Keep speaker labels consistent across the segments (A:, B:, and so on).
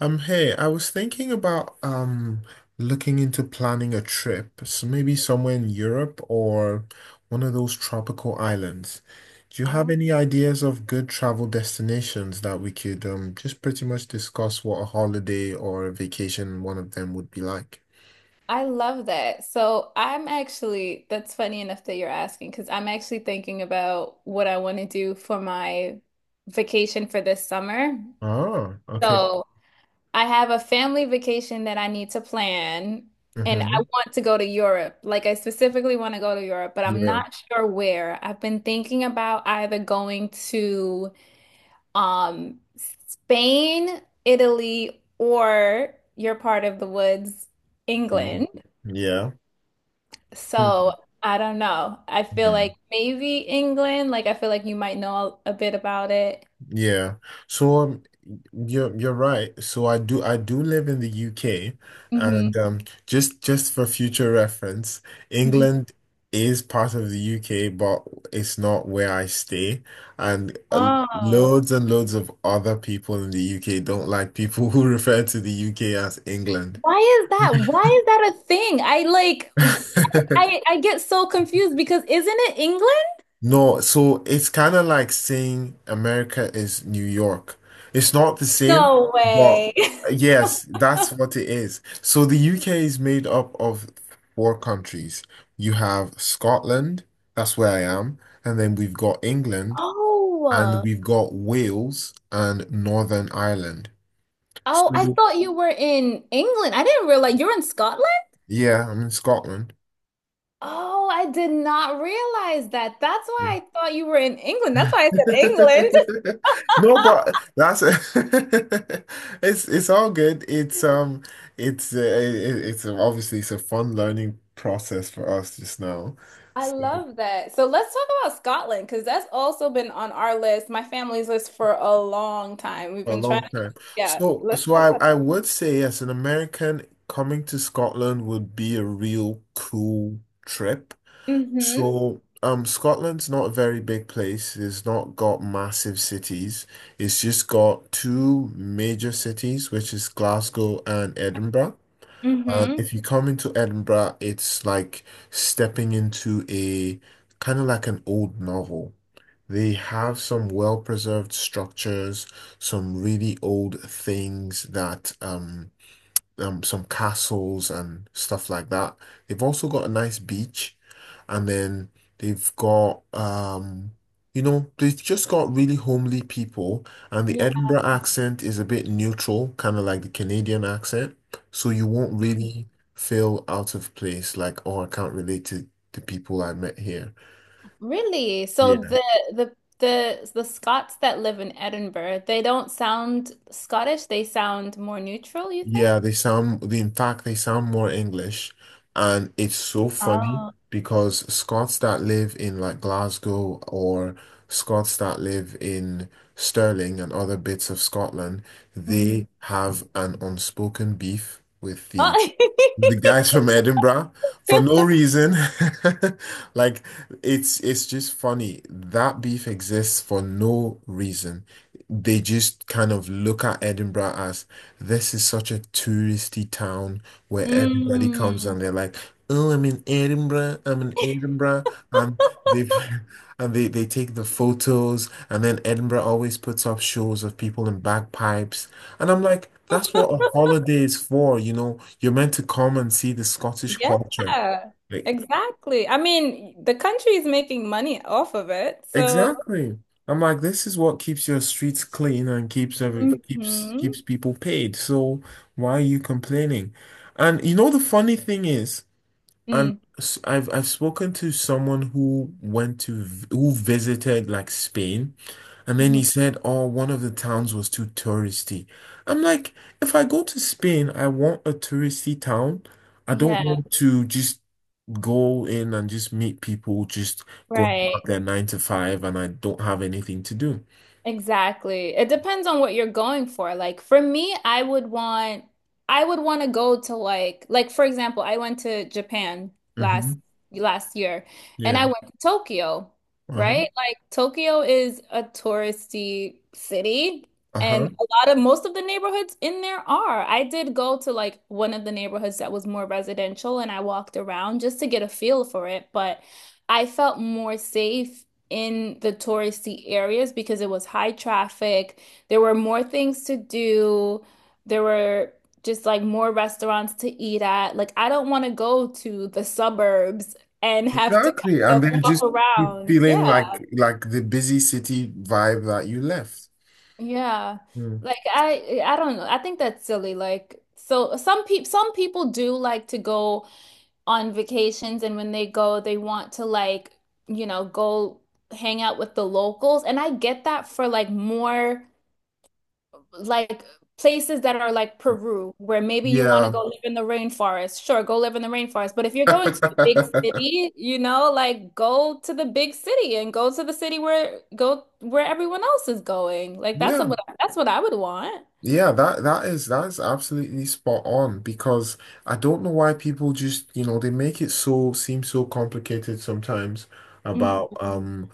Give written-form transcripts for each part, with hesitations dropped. A: Hey, I was thinking about looking into planning a trip, so maybe somewhere in Europe or one of those tropical islands. Do you have
B: Oh,
A: any ideas of good travel destinations that we could just pretty much discuss what a holiday or a vacation in one of them would be like?
B: I love that. So I'm actually, that's funny enough that you're asking, because I'm actually thinking about what I want to do for my vacation for this summer.
A: Oh, okay.
B: So I have a family vacation that I need to plan, and I
A: Mm-hmm.
B: want to go to Europe. Like, I specifically want to go to Europe, but I'm
A: Europe.
B: not sure where. I've been thinking about either going to um Spain, Italy, or your part of the woods, England.
A: Yeah. Hmm.
B: So I don't know. I feel
A: Mm-hmm.
B: like maybe England. Like I feel like you might know a bit about it.
A: Yeah. So um, you're right. So I do live in the UK, and
B: hmm
A: just for future reference,
B: hmm
A: England is part of the UK, but it's not where I stay. And
B: Oh,
A: Loads and loads of other people in the UK don't like people who refer to the UK as England.
B: why is that? Why is that a thing? I like I I get so confused because isn't it England?
A: No, so it's kind of like saying America is New York. It's not the same,
B: No
A: but
B: way.
A: yes, that's what it is. So the UK is made up of four countries. You have Scotland, that's where I am, and then we've got England, and
B: Oh.
A: we've got Wales and Northern Ireland.
B: Oh, I
A: So
B: thought you were in England. I didn't realize you're in Scotland.
A: yeah, I'm in Scotland.
B: Oh, I did not realize that. That's why I thought you were in England. That's why I said England.
A: No, but that's it's all good. It's it's obviously it's a fun learning process for us just now.
B: I
A: So
B: love that. So let's talk about Scotland because that's also been on our list, my family's list for a long time. We've
A: for a
B: been trying
A: long
B: to,
A: time.
B: yeah,
A: So
B: let's talk
A: I
B: about
A: I would say yes, an American coming to Scotland would be a real cool trip.
B: it. Mm-hmm.
A: So, Scotland's not a very big place. It's not got massive cities. It's just got two major cities, which is Glasgow and Edinburgh.
B: Mm-hmm.
A: If you come into Edinburgh, it's like stepping into a kind of like an old novel. They have some well-preserved structures, some really old things that some castles and stuff like that. They've also got a nice beach, and then they've got they've just got really homely people, and the
B: Yeah.
A: Edinburgh accent is a bit neutral, kind of like the Canadian accent, so you won't really feel out of place, like, oh, I can't relate to the people I met here.
B: Really? So the Scots that live in Edinburgh, they don't sound Scottish, they sound more neutral, you
A: Yeah,
B: think?
A: they sound, in fact, they sound more English. And it's so funny
B: Oh.
A: because Scots that live in like Glasgow or Scots that live in Stirling and other bits of Scotland,
B: Mm-hmm.
A: they have an unspoken beef with the guys from Edinburgh, for no reason. Like, it's just funny. That beef exists for no reason. They just kind of look at Edinburgh as, this is such a touristy town where everybody comes
B: Mm,
A: and they're like, "Oh, I'm in Edinburgh. I'm in Edinburgh." And they and they take the photos and then Edinburgh always puts up shows of people in bagpipes and I'm like, that's what a holiday is for, you know. You're meant to come and see the Scottish
B: yeah,
A: culture. Like,
B: exactly. I mean, the country is making money off of it, so
A: exactly. I'm like, this is what keeps your streets clean and keeps every keeps
B: Mm-hmm.
A: people paid. So why are you complaining? And the funny thing is,
B: Mm-hmm.
A: I've spoken to someone who visited like Spain, and then
B: Mm-hmm.
A: he said, "Oh, one of the towns was too touristy." I'm like, if I go to Spain, I want a touristy town. I don't
B: Yeah,
A: want to just go in and just meet people just going
B: right.
A: about their nine to five, and I don't have anything to do.
B: Exactly. It depends on what you're going for. Like for me, I would want to go to like for example, I went to Japan last
A: hmm
B: last year and
A: Yeah.
B: I went to Tokyo,
A: Uh-huh.
B: right? Like Tokyo is a touristy city and
A: Uh-huh.
B: a lot of most of the neighborhoods in there are. I did go to like one of the neighborhoods that was more residential and I walked around just to get a feel for it, but I felt more safe in the touristy areas because it was high traffic. There were more things to do. There were just like more restaurants to eat at. Like, I don't want to go to the suburbs and have to
A: Exactly.
B: kind
A: And
B: of
A: then
B: walk
A: just keep
B: around. Yeah.
A: feeling like the busy city vibe that you left.
B: Yeah. Like I don't know. I think that's silly. Like so some people do like to go on vacations and when they go they want to like, you know, go hang out with the locals and I get that for like more like places that are like Peru, where maybe you want to
A: Yeah.
B: go live in the rainforest. Sure, go live in the rainforest. But if you're going to a big city, you know, like go to the big city and go to the city where go where everyone else is going. Like
A: Yeah.
B: that's what I would want.
A: Yeah, that is that is absolutely spot on because I don't know why people just, you know, they make it so seem so complicated sometimes
B: Mhm.
A: about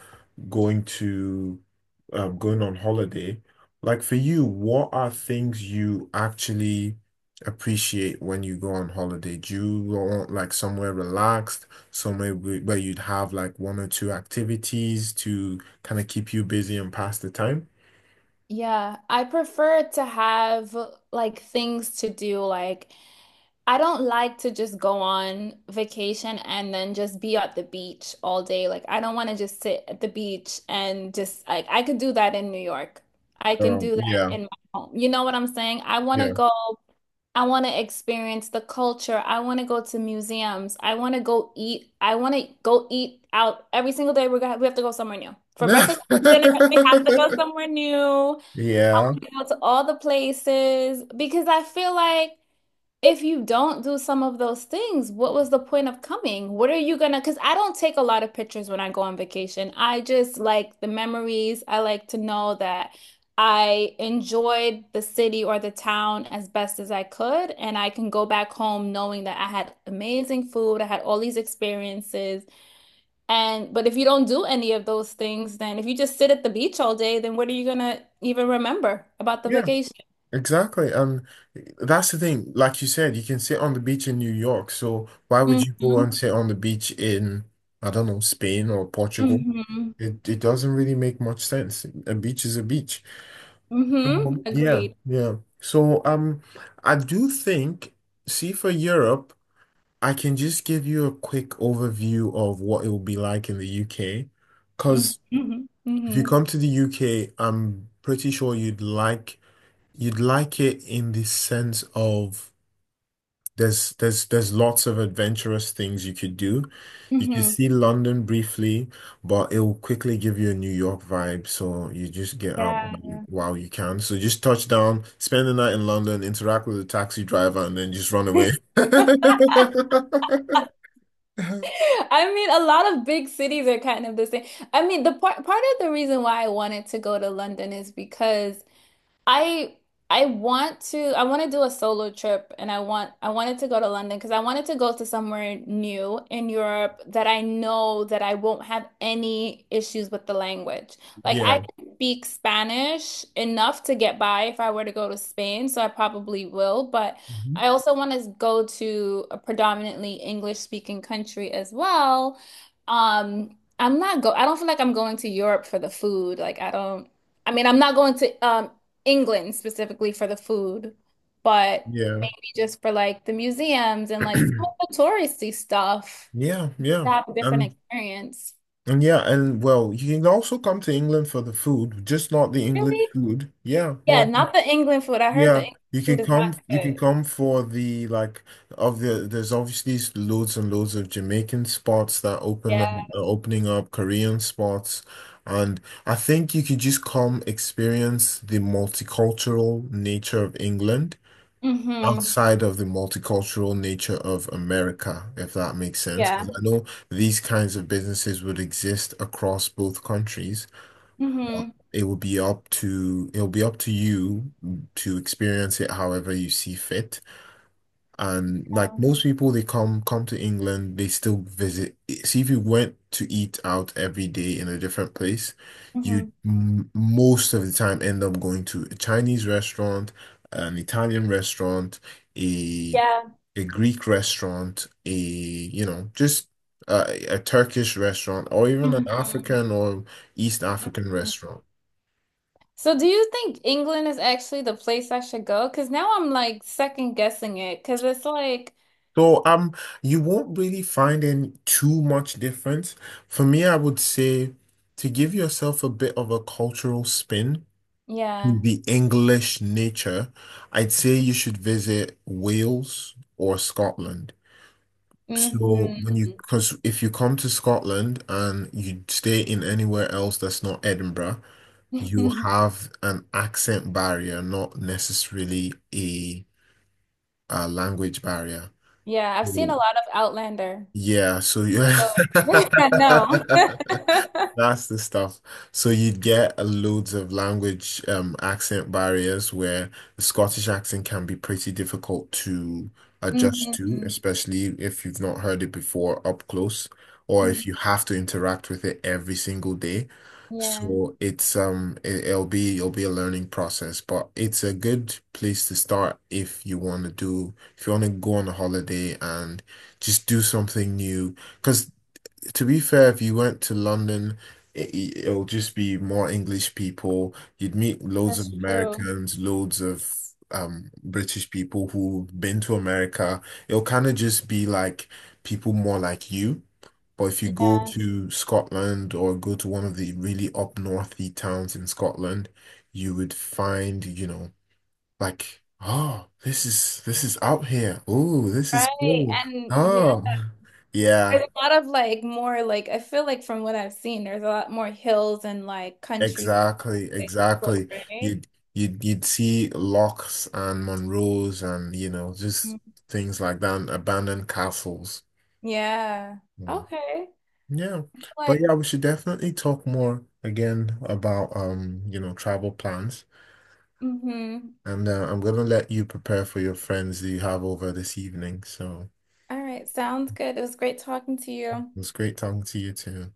A: going to going on holiday. Like for you, what are things you actually appreciate when you go on holiday? Do you want like somewhere relaxed, somewhere where you'd have like one or two activities to kind of keep you busy and pass the time?
B: Yeah, I prefer to have like things to do like I don't like to just go on vacation and then just be at the beach all day. Like, I don't want to just sit at the beach and just like I could do that in New York. I can do that
A: Yeah,
B: in my home. You know what I'm saying? I want to
A: yeah.
B: go. I want to experience the culture. I want to go to museums. I want to go eat. I want to go eat out every single day. We're gonna, we have to go somewhere new. For breakfast and dinner, we have to go somewhere new.
A: Yeah.
B: Go to all the places because I feel like if you don't do some of those things, what was the point of coming? What are you gonna? Because I don't take a lot of pictures when I go on vacation. I just like the memories. I like to know that I enjoyed the city or the town as best as I could, and I can go back home knowing that I had amazing food, I had all these experiences. And but if you don't do any of those things, then if you just sit at the beach all day, then what are you gonna even remember about the
A: Yeah.
B: vacation?
A: Exactly. And that's the thing. Like you said, you can sit on the beach in New York. So why would you go and
B: hmm
A: sit on the beach in, I don't know, Spain or Portugal?
B: hmm
A: It doesn't really make much sense. A beach is a beach. So, yeah,
B: Agreed.
A: yeah. I do think, see for Europe, I can just give you a quick overview of what it will be like in the UK.
B: hmm
A: Because
B: hmm
A: if you come to the UK, I'm pretty sure you'd like. You'd like it in the sense of there's lots of adventurous things you could do. You could
B: hmm
A: see London briefly, but it will quickly give you a New York vibe. So you just get out
B: Yeah.
A: while you can. So just touch down, spend the night in London, interact with the taxi driver, and then just run away.
B: I mean, a lot of big cities are kind of the same. I mean, the part of the reason why I wanted to go to London is because I I want to do a solo trip and I want I wanted to go to London because I wanted to go to somewhere new in Europe that I know that I won't have any issues with the language. Like I
A: Yeah.
B: can speak Spanish enough to get by if I were to go to Spain, so I probably will, but
A: Mhm.
B: I also want to go to a predominantly English speaking country as well. I'm not go I don't feel like I'm going to Europe for the food. Like I don't I mean, I'm not going to England specifically for the food, but
A: Yeah.
B: just for like the museums and like some of the touristy stuff
A: Yeah, yeah.
B: to have a different
A: and
B: experience.
A: and yeah, and well, you can also come to England for the food, just not the English
B: Really?
A: food. Yeah,
B: Yeah,
A: yeah.
B: not the England food. I heard the
A: Yeah,
B: England
A: you
B: food
A: can
B: is
A: come.
B: not
A: You can
B: good.
A: come for the like of the. There's obviously loads and loads of Jamaican spots that open up,
B: Yeah.
A: are opening up Korean spots, and I think you could just come experience the multicultural nature of England
B: Mm-hmm.
A: outside of the multicultural nature of America, if that makes sense. Because
B: Yeah.
A: I know these kinds of businesses would exist across both countries.
B: Mm-hmm.
A: It will be up to it'll be up to you to experience it however you see fit. And like
B: Yeah.
A: most people, they come to England, they still visit. See, if you went to eat out every day in a different place, you
B: Mm-hmm.
A: m most of the time end up going to a Chinese restaurant, an Italian restaurant, a
B: Yeah.
A: a Greek restaurant, a you know just a Turkish restaurant, or even an
B: Mm-hmm.
A: African or East African
B: Mm-hmm.
A: restaurant.
B: So do you think England is actually the place I should go? Because now I'm like second guessing it because it's like,
A: So you won't really find in too much difference. For me, I would say to give yourself a bit of a cultural spin to
B: yeah.
A: the English nature, I'd say you should visit Wales or Scotland. So
B: Mm-hmm.
A: because if you come to Scotland and you stay in anywhere else that's not Edinburgh, you have an accent barrier, not necessarily a language barrier.
B: Yeah, I've seen a
A: So
B: lot of Outlander.
A: yeah, so yeah.
B: Oh, I know.
A: That's the stuff. So you'd get a loads of language accent barriers where the Scottish accent can be pretty difficult to adjust to,
B: hmm
A: especially if you've not heard it before up close, or if you have to interact with it every single day.
B: Yeah,
A: So it'll be a learning process, but it's a good place to start if you want to go on a holiday and just do something new. Because. To be fair, if you went to London, it'll just be more English people. You'd meet loads
B: that's
A: of
B: true.
A: Americans, loads of British people who've been to America. It'll kind of just be like people more like you. But if you go
B: Yeah,
A: to Scotland or go to one of the really up northy towns in Scotland, you would find, you know, like, oh, this is out here. Oh, this is
B: right.
A: cool.
B: And yeah,
A: Oh, yeah.
B: there's a lot of like more like I feel like from what I've seen, there's a lot more hills and like country stuff
A: Exactly,
B: to explore,
A: exactly.
B: right?
A: You'd you'd see locks and Monroes and, you know, just
B: Mhm.
A: things like that, and abandoned castles.
B: Yeah.
A: Mm.
B: Okay.
A: Yeah, but
B: Like,
A: yeah, we should definitely talk more again about travel plans.
B: mm-hmm.
A: And I'm gonna let you prepare for your friends that you have over this evening. So
B: All right, sounds good. It was great talking to you.
A: it was great talking to you too.